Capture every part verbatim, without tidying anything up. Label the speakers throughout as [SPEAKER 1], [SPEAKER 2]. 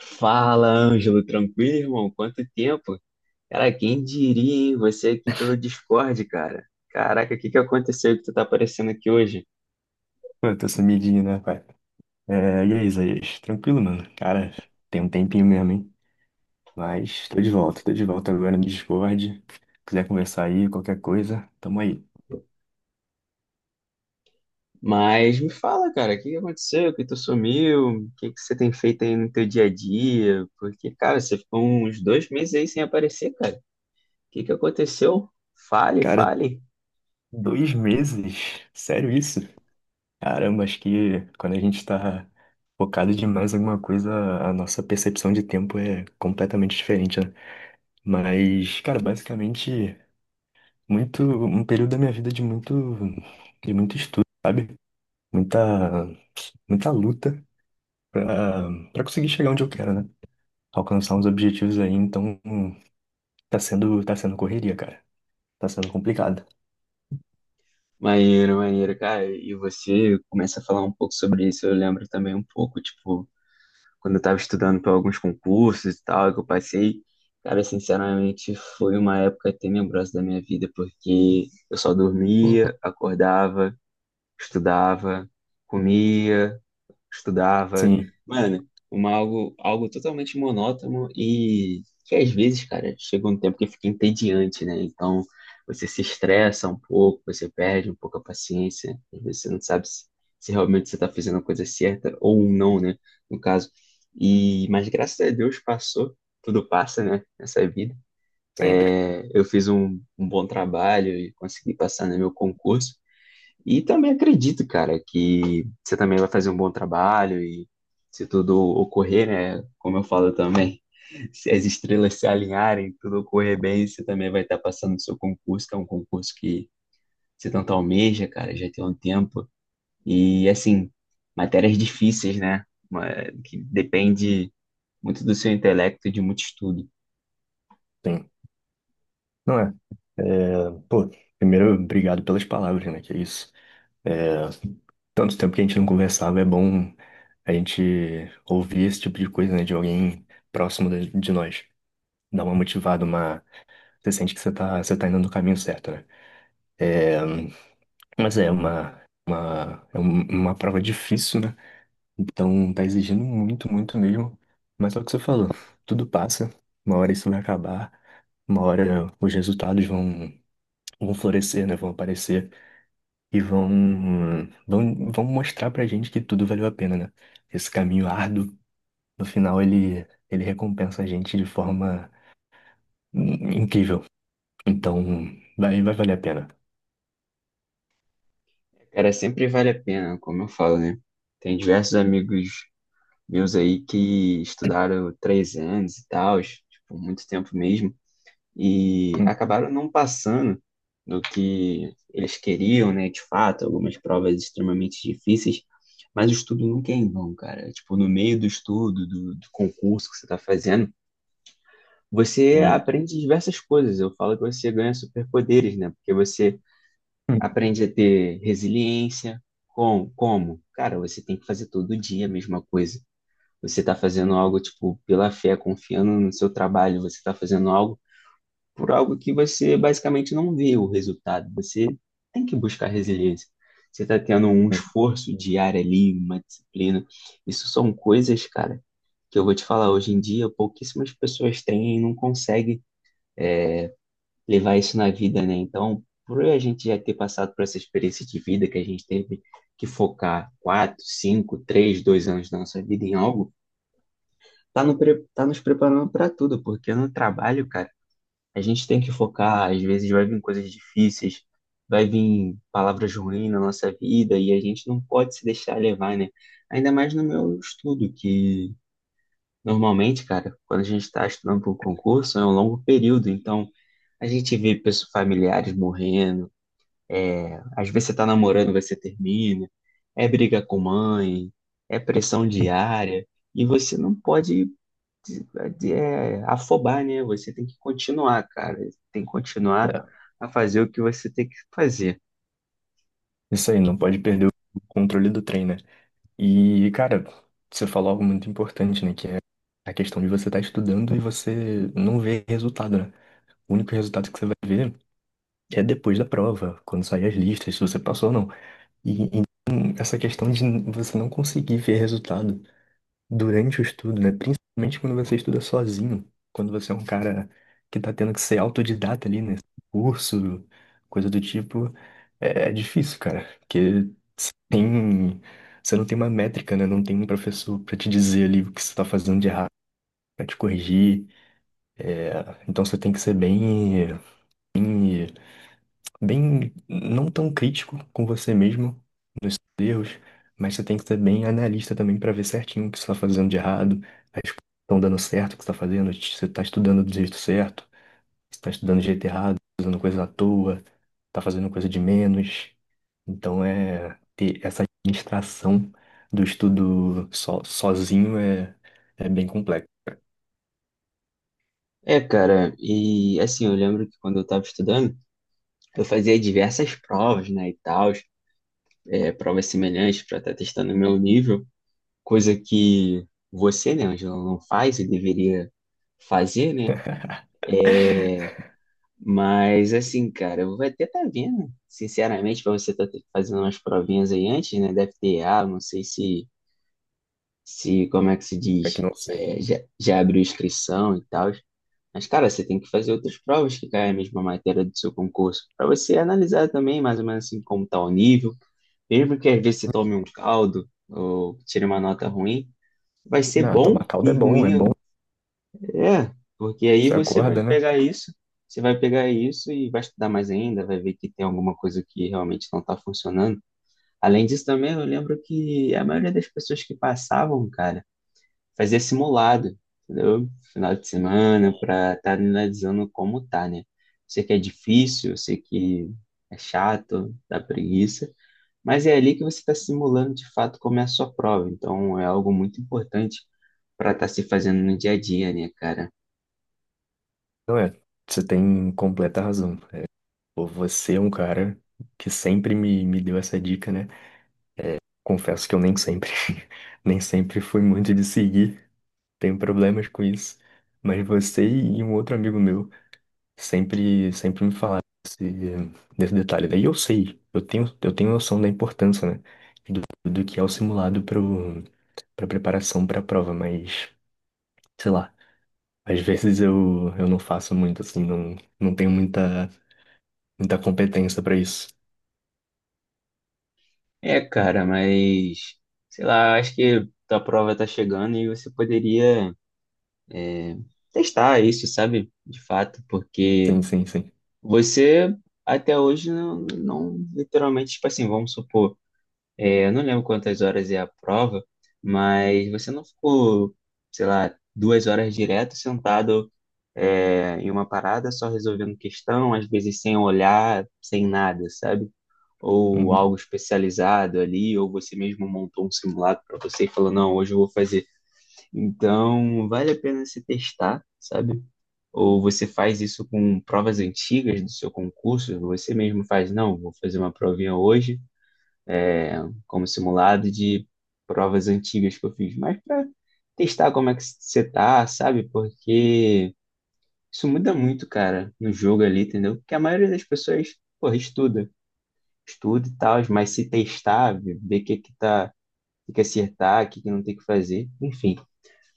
[SPEAKER 1] Fala, Ângelo, tranquilo, irmão? Quanto tempo? Cara, quem diria, hein? Você aqui pelo Discord, cara. Caraca, o que que aconteceu que tu tá aparecendo aqui hoje?
[SPEAKER 2] Pô, tô sumidinho, né, pai? É, e aí, Isaías? Tranquilo, mano. Cara, tem um tempinho mesmo, hein? Mas tô de volta, tô de volta agora no Discord. Quiser conversar aí, qualquer coisa, tamo aí.
[SPEAKER 1] Mas me fala, cara, o que que aconteceu? Que tu sumiu? O que que você tem feito aí no teu dia a dia? Porque, cara, você ficou uns dois meses aí sem aparecer, cara. O que que aconteceu? Fale,
[SPEAKER 2] Cara,
[SPEAKER 1] fale.
[SPEAKER 2] dois meses? Sério isso? Caramba, acho que quando a gente tá focado demais em alguma coisa, a nossa percepção de tempo é completamente diferente, né? Mas, cara, basicamente, muito, um período da minha vida de muito, de muito estudo, sabe? Muita, muita luta pra, pra conseguir chegar onde eu quero, né? Alcançar uns objetivos aí, então hum, tá sendo, tá sendo correria, cara. Tá sendo complicado.
[SPEAKER 1] Maneiro, maneiro, cara. E você começa a falar um pouco sobre isso, eu lembro também um pouco, tipo, quando eu estava estudando para alguns concursos e tal, que eu passei, cara, sinceramente foi uma época tenebrosa da minha vida, porque eu só
[SPEAKER 2] Pô.
[SPEAKER 1] dormia, acordava, estudava, comia, estudava.
[SPEAKER 2] Sim,
[SPEAKER 1] Mano, uma, algo, algo totalmente monótono e que às vezes, cara, chega um tempo que fica entediante, né? Então você se estressa um pouco, você perde um pouco a paciência, às vezes você não sabe se, se realmente você está fazendo a coisa certa ou não, né? No caso. E, mas graças a Deus passou, tudo passa, né? Nessa vida.
[SPEAKER 2] sempre.
[SPEAKER 1] É, eu fiz um, um bom trabalho e consegui passar no meu concurso. E também acredito, cara, que você também vai fazer um bom trabalho e se tudo ocorrer, né? Como eu falo também, se as estrelas se alinharem, tudo ocorrer bem, você também vai estar passando no seu concurso, que é um concurso que você tanto almeja, cara, já tem um tempo. E assim, matérias difíceis, né? Uma- Que depende muito do seu intelecto e de muito estudo.
[SPEAKER 2] Sim. Não é? É, pô, primeiro, obrigado pelas palavras, né? Que é isso. É, tanto tempo que a gente não conversava, é bom a gente ouvir esse tipo de coisa, né? De alguém próximo de, de nós. Dá uma motivada, uma. Você sente que você tá, você tá indo no caminho certo, né? É, mas é uma, uma, é um- uma prova difícil, né? Então tá exigindo muito, muito mesmo. Mas é o que você falou, tudo passa, uma hora isso vai acabar, uma hora os resultados vão, vão florescer, né? Vão aparecer e vão, vão, vão mostrar pra gente que tudo valeu a pena, né? Esse caminho árduo, no final ele, ele recompensa a gente de forma in- incrível. Então vai, vai valer a pena.
[SPEAKER 1] Cara, sempre vale a pena, como eu falo, né? Tem diversos amigos, vi uns aí que estudaram três anos e tal, tipo, muito tempo mesmo, e acabaram não passando do que eles queriam, né? De fato, algumas provas extremamente difíceis, mas o estudo nunca é em vão, cara. Tipo, no meio do estudo, do, do concurso que você está fazendo, você
[SPEAKER 2] Sim.
[SPEAKER 1] aprende diversas coisas. Eu falo que você ganha superpoderes, né? Porque você aprende a ter resiliência. Com, como? Cara, você tem que fazer todo dia a mesma coisa. Você está fazendo algo, tipo, pela fé, confiando no seu trabalho, você está fazendo algo por algo que você basicamente não vê o resultado. Você tem que buscar resiliência. Você está tendo um
[SPEAKER 2] Hum,
[SPEAKER 1] esforço diário ali, uma disciplina. Isso são coisas, cara, que eu vou te falar. Hoje em dia, pouquíssimas pessoas têm e não conseguem levar isso na vida, né? Então, por a gente já ter passado por essa experiência de vida que a gente teve que focar quatro, cinco, três, dois anos da nossa vida em algo, tá, no pre- tá nos preparando para tudo, porque no trabalho, cara, a gente tem que focar, às vezes vai vir coisas difíceis, vai vir palavras ruins na nossa vida e a gente não pode se deixar levar, né? Ainda mais no meu estudo, que normalmente, cara, quando a gente está estudando para um concurso, é um longo período, então a gente vê pessoas familiares morrendo, é, às vezes você tá namorando, você termina, é briga com mãe, é pressão
[SPEAKER 2] hum.
[SPEAKER 1] diária. E você não pode de- de- é, afobar, né? Você tem que continuar, cara. Tem que continuar
[SPEAKER 2] É,
[SPEAKER 1] a fazer o que você tem que fazer.
[SPEAKER 2] isso aí, não pode perder o controle do trem, né? E, cara, você falou algo muito importante, né? Que é a questão de você estar estudando e você não ver resultado, né? O único resultado que você vai ver é depois da prova, quando sair as listas, se você passou ou não. E, e essa questão de você não conseguir ver resultado durante o estudo, né? Principalmente quando você estuda sozinho, quando você é um cara que tá tendo que ser autodidata ali, né? Curso, coisa do tipo. É, é difícil, cara, porque você tem, você não tem uma métrica, né? Não tem um professor pra te dizer ali o que você tá fazendo de errado, pra te corrigir. É, então você tem que ser bem, bem, bem não tão crítico com você mesmo nos seus erros, mas você tem que ser bem analista também pra ver certinho o que você tá fazendo de errado, as coisas que estão dando certo, o que você tá fazendo, se você tá estudando do jeito certo está estudando de jeito errado, usando coisa à toa, está fazendo coisa de menos. Então é ter essa administração do estudo so- sozinho é, é bem complexo.
[SPEAKER 1] É, cara, e assim, eu lembro que quando eu estava estudando, eu fazia diversas provas, né, e tal, é, provas semelhantes para estar testando o meu nível, coisa que você, né, Angela, não faz e deveria fazer, né? Mas assim, cara, eu vou até estar vendo, sinceramente, para você estar fazendo umas provinhas aí antes, né, da F T A, não sei se se, como é que se
[SPEAKER 2] É que
[SPEAKER 1] diz,
[SPEAKER 2] não sei.
[SPEAKER 1] é, já, já abriu inscrição e tal. Mas, cara, você tem que fazer outras provas que caem a mesma matéria do seu concurso, para você analisar também, mais ou menos assim, como está o nível. Mesmo que às vezes você tome um caldo ou tire uma nota ruim, vai ser
[SPEAKER 2] Não,
[SPEAKER 1] bom
[SPEAKER 2] tomar calda
[SPEAKER 1] e
[SPEAKER 2] é bom, é
[SPEAKER 1] ruim,
[SPEAKER 2] bom.
[SPEAKER 1] é, porque aí
[SPEAKER 2] Você
[SPEAKER 1] você vai
[SPEAKER 2] acorda, né?
[SPEAKER 1] pegar isso, você vai pegar isso e vai estudar mais ainda, vai ver que tem alguma coisa que realmente não está funcionando. Além disso, também eu lembro que a maioria das pessoas que passavam, cara, fazer simulado, entendeu? Final de semana, para estar analisando como tá, né? Sei que é difícil, eu sei que é chato, dá preguiça, mas é ali que você está simulando de fato como é a sua prova. Então é algo muito importante para estar se fazendo no dia a dia, né, cara?
[SPEAKER 2] Não é. Você tem completa razão. Pô, você é um cara que sempre me, me deu essa dica, né? Confesso que eu nem sempre, nem sempre fui muito de seguir. Tenho problemas com isso. Mas você e um outro amigo meu sempre, sempre me falaram desse, desse detalhe. Daí eu sei, eu tenho, eu tenho noção da importância, né? Do, do que é o simulado para preparação para a prova, mas, sei lá, às vezes eu, eu não faço muito, assim, não, não tenho muita, muita competência para isso.
[SPEAKER 1] É, cara, mas sei lá, acho que a prova tá chegando e você poderia, é, testar isso, sabe? De fato, porque
[SPEAKER 2] Sim, sim, sim.
[SPEAKER 1] você até hoje não, não literalmente, tipo assim, vamos supor, é, eu não lembro quantas horas é a prova, mas você não ficou, sei lá, duas horas direto sentado, é, em uma parada só resolvendo questão, às vezes sem olhar, sem nada, sabe? Ou
[SPEAKER 2] Uhum.
[SPEAKER 1] algo especializado ali, ou você mesmo montou um simulado para você e falou, não, hoje eu vou fazer. Então, vale a pena se testar, sabe? Ou você faz isso com provas antigas do seu concurso? Você mesmo faz, não, vou fazer uma provinha hoje, é, como simulado de provas antigas que eu fiz, mas para testar como é que você tá, sabe? Porque isso muda muito, cara, no jogo ali, entendeu? Porque a maioria das pessoas, porra, estuda, estuda e tal, mas se testar, ver ver o que que tá, o que que acertar, o que que não tem que fazer, enfim.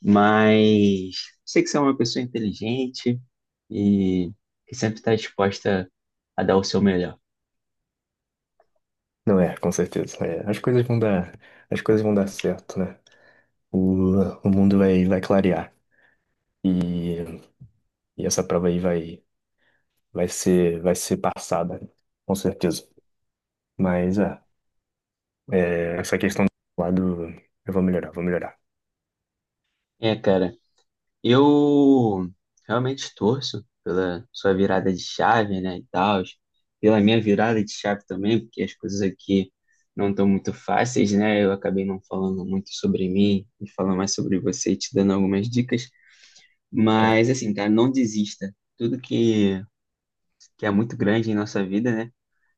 [SPEAKER 1] Mas sei que você é uma pessoa inteligente, e que sempre está disposta a dar o seu melhor.
[SPEAKER 2] Não é, com certeza. É. As coisas vão dar, as coisas vão dar certo, né? O, o mundo vai, vai clarear. E, e essa prova aí vai, vai ser, vai ser passada, com certeza. Mas é, é, essa questão do lado, eu vou melhorar, vou melhorar.
[SPEAKER 1] É, cara, eu realmente torço pela sua virada de chave, né, e tal, pela minha virada de chave também, porque as coisas aqui não estão muito fáceis, né? Eu acabei não falando muito sobre mim e falando mais sobre você, e te dando algumas dicas,
[SPEAKER 2] É.
[SPEAKER 1] mas assim, cara, não desista. Tudo que, que é muito grande em nossa vida, né?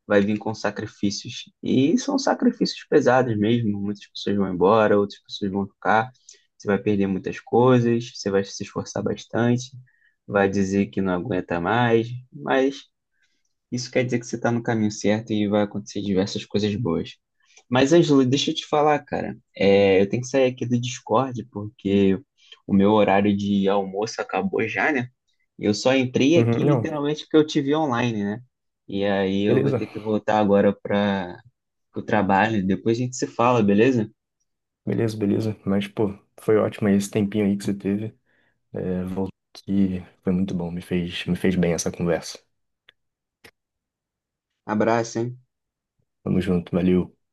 [SPEAKER 1] Vai vir com sacrifícios. E são sacrifícios pesados mesmo. Muitas pessoas vão embora, outras pessoas vão ficar. Você vai perder muitas coisas, você vai se esforçar bastante, vai dizer que não aguenta mais, mas isso quer dizer que você está no caminho certo e vai acontecer diversas coisas boas. Mas, Ângelo, deixa eu te falar, cara. É, eu tenho que sair aqui do Discord porque o meu horário de almoço acabou já, né? Eu só entrei
[SPEAKER 2] Uhum,
[SPEAKER 1] aqui
[SPEAKER 2] não,
[SPEAKER 1] literalmente porque eu te vi online, né? E aí eu vou
[SPEAKER 2] beleza,
[SPEAKER 1] ter que voltar agora para o trabalho. Depois a gente se fala, beleza?
[SPEAKER 2] beleza, beleza. Mas, pô, foi ótimo esse tempinho aí que você teve. É, voltou aqui, foi muito bom, me fez, me fez bem essa conversa.
[SPEAKER 1] Abraço, hein?
[SPEAKER 2] Tamo junto, valeu.